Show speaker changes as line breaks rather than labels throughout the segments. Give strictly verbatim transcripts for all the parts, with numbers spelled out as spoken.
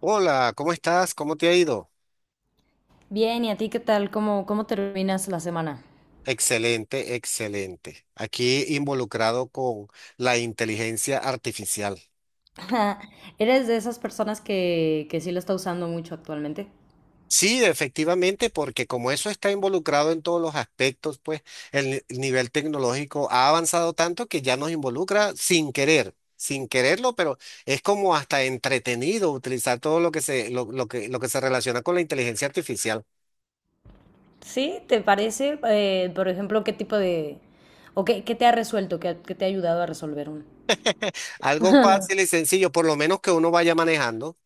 Hola, ¿cómo estás? ¿Cómo te ha ido?
Bien, ¿y a ti qué tal? ¿Cómo, cómo terminas la semana?
Excelente, excelente. Aquí involucrado con la inteligencia artificial.
¿Eres de esas personas que, que sí lo está usando mucho actualmente?
Sí, efectivamente, porque como eso está involucrado en todos los aspectos, pues el ni- el nivel tecnológico ha avanzado tanto que ya nos involucra sin querer, sin quererlo, pero es como hasta entretenido utilizar todo lo que se, lo, lo que, lo que se relaciona con la inteligencia artificial.
¿Sí? ¿Te parece? Eh, por ejemplo, ¿qué tipo de... o qué, qué te ha resuelto? ¿Qué, qué te ha ayudado a resolver uno?
Algo fácil y sencillo, por lo menos que uno vaya manejando.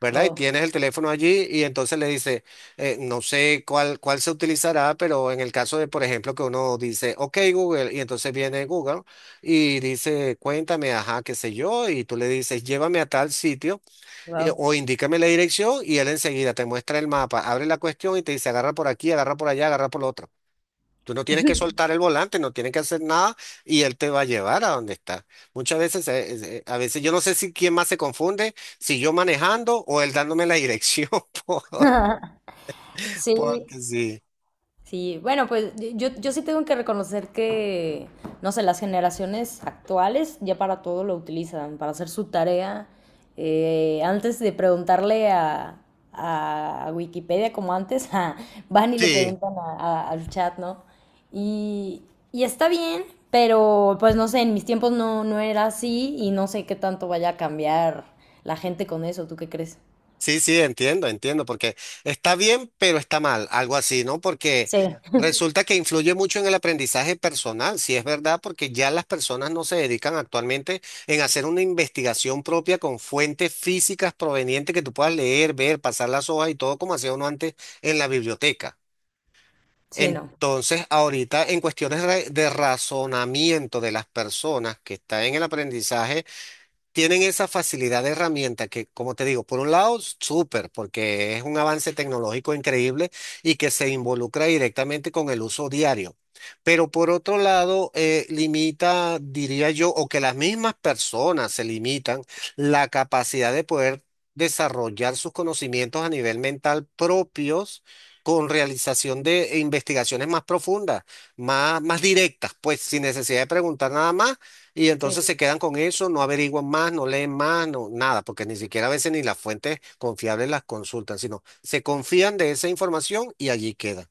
¿Verdad? Y
Oh,
tienes el teléfono allí y entonces le dice, eh, no sé cuál, cuál se utilizará, pero en el caso de, por ejemplo, que uno dice, ok, Google, y entonces viene Google y dice, cuéntame, ajá, qué sé yo, y tú le dices, llévame a tal sitio y-
wow.
o indícame la dirección y él enseguida te muestra el mapa, abre la cuestión y te dice, agarra por aquí, agarra por allá, agarra por lo otro. Tú no tienes que soltar el volante, no tienes que hacer nada y él te va a llevar a donde está. Muchas veces, eh, es- eh, a veces yo no sé si quién más se confunde, si yo manejando o él dándome la dirección, por-
Sí.
porque sí.
Sí, bueno, pues yo, yo sí tengo que reconocer que, no sé, las generaciones actuales ya para todo lo utilizan, para hacer su tarea. Eh, antes de preguntarle a, a Wikipedia como antes, ah, van y le
Sí.
preguntan a- a- al chat, ¿no? Y, y está bien, pero pues no sé, en mis tiempos no, no era así y no sé qué tanto vaya a cambiar la gente con eso, ¿tú qué crees?
Sí, sí, entiendo, entiendo, porque está bien, pero está mal, algo así, ¿no? Porque
Sí,
resulta que influye mucho en el aprendizaje personal, si es verdad, porque ya las personas no se dedican actualmente en hacer una investigación propia con fuentes físicas provenientes que tú puedas leer, ver, pasar las hojas y todo como hacía uno antes en la biblioteca.
sí, no.
Entonces, ahorita en cuestiones re- de razonamiento de las personas que están en el aprendizaje, tienen esa facilidad de herramienta que, como te digo, por un lado, súper, porque es un avance tecnológico increíble y que se involucra directamente con el uso diario. Pero por otro lado, eh, limita, diría yo, o que las mismas personas se limitan la capacidad de poder desarrollar sus conocimientos a nivel mental propios con realización de investigaciones más profundas, más, más directas, pues sin necesidad de preguntar nada más y
Sí.
entonces se quedan con eso, no averiguan más, no leen más, no, nada, porque ni siquiera a veces ni las fuentes confiables las consultan, sino se confían de esa información y allí queda.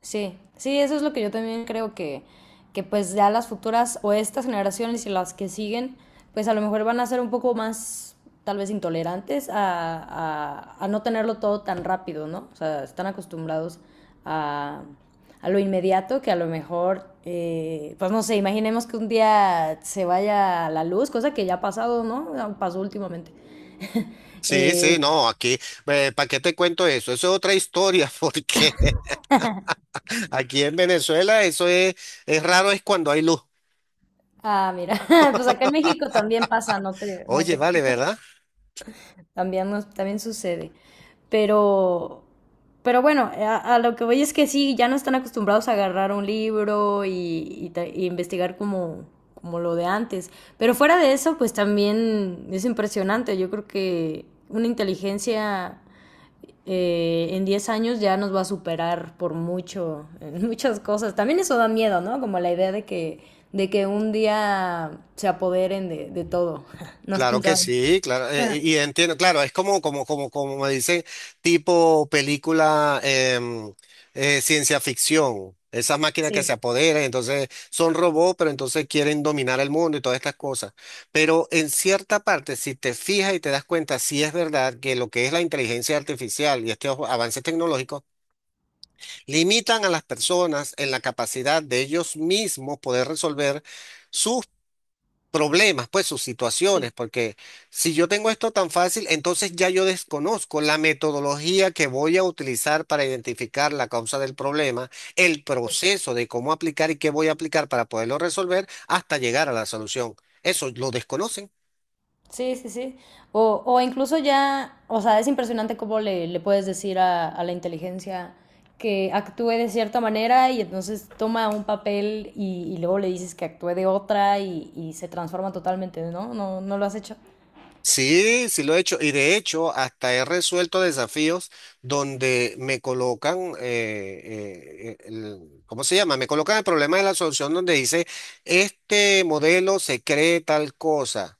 Sí, sí, eso es lo que yo también creo que, que pues ya las futuras o estas generaciones y las que siguen, pues a lo mejor van a ser un poco más tal vez intolerantes a, a, a no tenerlo todo tan rápido, ¿no? O sea, están acostumbrados a, a lo inmediato que a lo mejor, eh, pues no sé, imaginemos que un día se vaya la luz, cosa que ya ha pasado, ¿no? Pasó últimamente.
Sí, sí,
Eh,
no, aquí, ¿para qué te cuento eso? Eso es otra historia, porque aquí en Venezuela eso es, es raro, es cuando hay luz.
ah, Mira, pues acá en México también pasa, no te, no
Oye,
te
vale,
creas.
¿verdad?
También, nos- también sucede. Pero, pero bueno, a, a lo que voy es que sí, ya no están acostumbrados a agarrar un libro y, y ta- y investigar como, como lo de antes. Pero fuera de eso, pues también es impresionante. Yo creo que una inteligencia eh, en diez años ya nos va a superar por mucho, en muchas cosas. También eso da miedo, ¿no? Como la idea de que, de que un día se apoderen de, de todo. ¿No has
Claro que
pensado en eso?
sí, claro, eh,
Ah,
y y entiendo, claro, es como, como, como, como me dicen, tipo película em, eh, ciencia ficción, esas máquinas que se
sí.
apoderan, entonces son robots, pero entonces quieren dominar el mundo y todas estas cosas. Pero en cierta parte, si te fijas y te das cuenta, sí es verdad que lo que es la inteligencia artificial y estos avances tecnológicos limitan a las personas en la capacidad de ellos mismos poder resolver sus problemas, pues sus
Sí.
situaciones, porque si yo tengo esto tan fácil, entonces ya yo desconozco la metodología que voy a utilizar para identificar la causa del problema, el proceso de cómo aplicar y qué voy a aplicar para poderlo resolver hasta llegar a la solución. Eso lo desconocen.
Sí, sí, sí. O, o incluso ya, o sea, es impresionante cómo le, le puedes decir a, a la inteligencia que actúe de cierta manera y entonces toma un papel y, y luego le dices que actúe de otra y, y se transforma totalmente, ¿no? ¿No, no lo has hecho?
Sí, sí lo he hecho. Y de hecho, hasta he resuelto desafíos donde me colocan, eh, eh, el- ¿cómo se llama? Me colocan el problema de la solución donde dice, este modelo se cree tal cosa.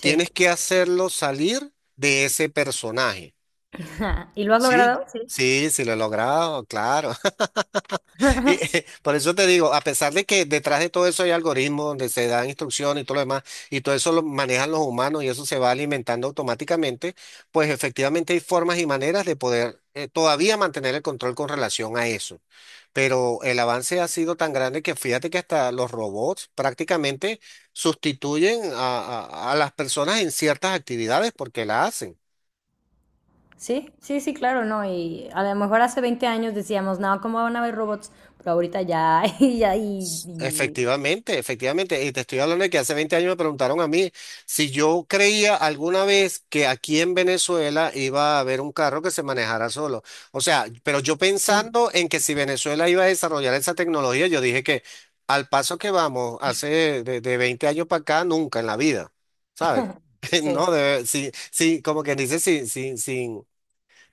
Tienes que hacerlo salir de ese personaje.
¿Y lo has
Sí,
logrado? Sí.
sí, sí lo he logrado, claro. Y, por eso te digo, a pesar de que detrás de todo eso hay algoritmos donde se dan instrucciones y todo lo demás, y todo eso lo manejan los humanos y eso se va alimentando automáticamente, pues efectivamente hay formas y maneras de poder eh, todavía mantener el control con relación a eso. Pero el avance ha sido tan grande que fíjate que hasta los robots prácticamente sustituyen a, a a las personas en ciertas actividades porque la hacen.
Sí, sí, sí, claro, ¿no? Y a lo mejor hace veinte años decíamos, no, ¿cómo van a haber robots? Pero ahorita ya, y ya, y, y-
Efectivamente, efectivamente. Y te estoy hablando de que hace veinte años me preguntaron a mí si yo creía alguna vez que aquí en Venezuela iba a haber un carro que se manejara solo. O sea, pero yo
sí,
pensando en que si Venezuela iba a desarrollar esa tecnología, yo dije que al paso que vamos, hace de, de veinte años para acá, nunca en la vida, ¿sabes?
sí,
No, de, sí, sí, como que dice, sin, sin, sin,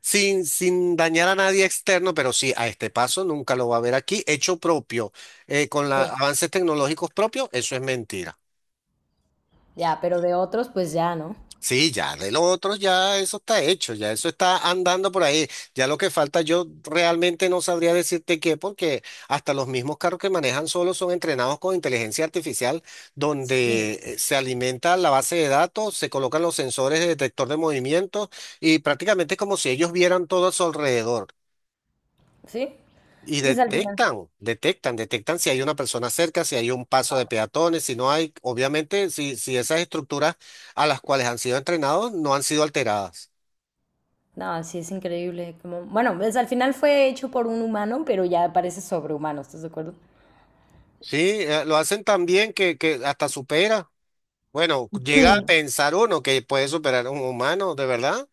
sin, sin dañar a nadie externo, pero sí, a este paso nunca lo va a ver aquí, hecho propio, eh, con los
sí,
avances tecnológicos propios, eso es mentira.
ya, pero de otros, pues ya, ¿no?
Sí, ya de los otros ya eso está hecho, ya eso está andando por ahí. Ya lo que falta yo realmente no sabría decirte qué, porque hasta los mismos carros que manejan solos son entrenados con inteligencia artificial,
Sí.
donde eh, se alimenta la base de datos, se colocan los sensores de detector de movimientos y prácticamente es como si ellos vieran todo a su alrededor.
¿Sí?
Y
Pues al final.
detectan, detectan, detectan si hay una persona cerca, si hay un paso de peatones, si no hay, obviamente, si, si esas estructuras a las cuales han sido entrenados no han sido alteradas.
No, sí, es increíble. Como, bueno, pues al final fue hecho por un humano, pero ya parece sobrehumano, ¿estás de acuerdo?
Sí, eh, lo hacen tan bien que, que hasta supera. Bueno, llega a
Hmm.
pensar uno que puede superar a un humano, ¿de verdad?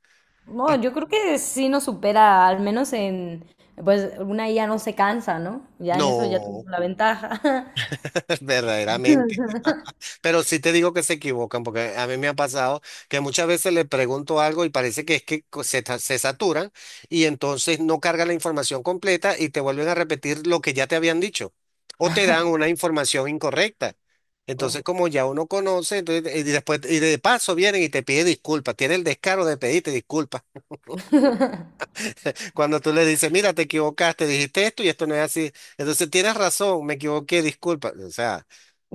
No, yo creo que sí nos supera, al menos en, pues una I A no se cansa, ¿no? Ya en eso ya
No.
tuvo la ventaja.
Verdaderamente. Pero sí te digo que se equivocan, porque a mí me ha pasado que muchas veces le pregunto algo y parece que es que co- se, ta- se saturan y entonces no cargan la información completa y te vuelven a repetir lo que ya te habían dicho o te dan una información incorrecta. Entonces,
Oh,
como ya uno conoce, entonces, y después, y de paso vienen y te piden disculpas, tiene el descaro de pedirte disculpas. Cuando tú le dices, mira, te equivocaste, dijiste esto y esto no es así. Entonces, tienes razón, me equivoqué, disculpa. O sea.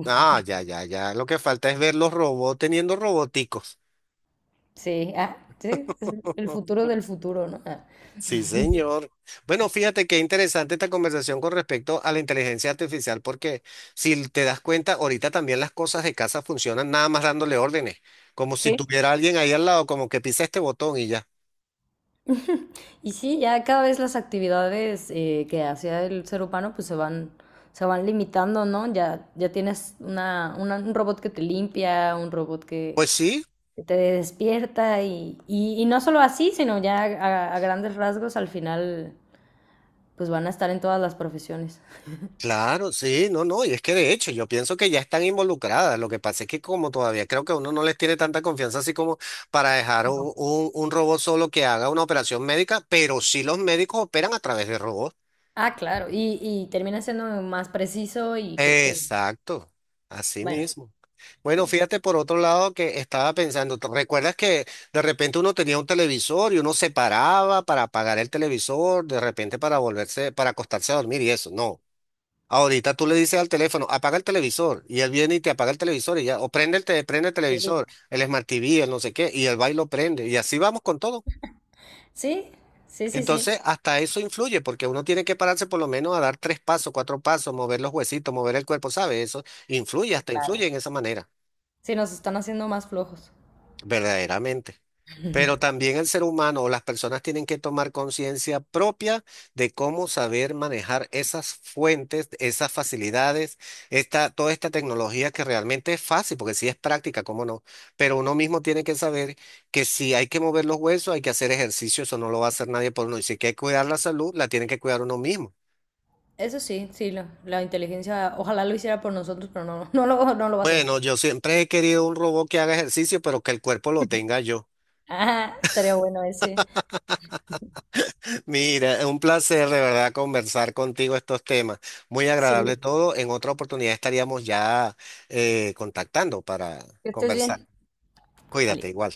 Ah, ya, ya, ya. Lo que falta es ver los robots teniendo roboticos.
sí, ah, sí, es el futuro del futuro, ¿no? Ah,
Sí, señor. Bueno, fíjate qué interesante esta conversación con respecto a la inteligencia artificial, porque si te das cuenta, ahorita también las cosas de casa funcionan nada más dándole órdenes, como si
sí.
tuviera alguien ahí al lado, como que pisa este botón y ya.
Y sí, ya cada vez las actividades eh, que hacía el ser humano pues se van, se van limitando, ¿no? Ya, ya tienes una, una- un robot que te limpia, un robot que,
Pues sí.
que te despierta y, y, y no solo así, sino ya a, a grandes rasgos al final pues van a estar en todas las profesiones.
Claro, sí, no, no, y es que de hecho yo pienso que ya están involucradas. Lo que pasa es que como todavía creo que uno no les tiene tanta confianza así como para dejar
No.
un, un- un robot solo que haga una operación médica, pero sí los médicos operan a través de robots.
Ah, claro, y, y termina siendo más preciso y creo que,
Exacto, así
bueno,
mismo. Bueno,
sí,
fíjate por otro lado que estaba pensando, ¿te ¿recuerdas que de repente uno tenía un televisor y uno se paraba para apagar el televisor, de repente para volverse, para acostarse a dormir y eso? No. Ahorita tú le dices al teléfono, apaga el televisor, y él viene y te apaga el televisor, y ya, o prende el, te- prende el televisor, el Smart T V, el no sé qué, y el baile lo prende, y así vamos con todo.
sí, sí, sí, sí.
Entonces, hasta eso influye, porque uno tiene que pararse por lo menos a dar tres pasos, cuatro pasos, mover los huesitos, mover el cuerpo, ¿sabes? Eso influye, hasta influye
Claro.
en esa manera.
Sí, nos están haciendo más flojos.
Verdaderamente. Pero también el ser humano o las personas tienen que tomar conciencia propia de cómo saber manejar esas fuentes, esas facilidades, esta, toda esta tecnología que realmente es fácil, porque sí es práctica, cómo no. Pero uno mismo tiene que saber que si hay que mover los huesos, hay que hacer ejercicio, eso no lo va a hacer nadie por uno. Y si hay que cuidar la salud, la tiene que cuidar uno mismo.
Eso sí, sí, lo- la inteligencia, ojalá lo hiciera por nosotros, pero no, no lo, no lo va a hacer.
Bueno, yo siempre he querido un robot que haga ejercicio, pero que el cuerpo lo tenga yo.
Ah, estaría bueno ese.
Mira, un placer de verdad conversar contigo estos temas. Muy
Sí,
agradable todo. En otra oportunidad estaríamos ya eh, contactando para
que estés
conversar.
bien. Ali.
Cuídate igual.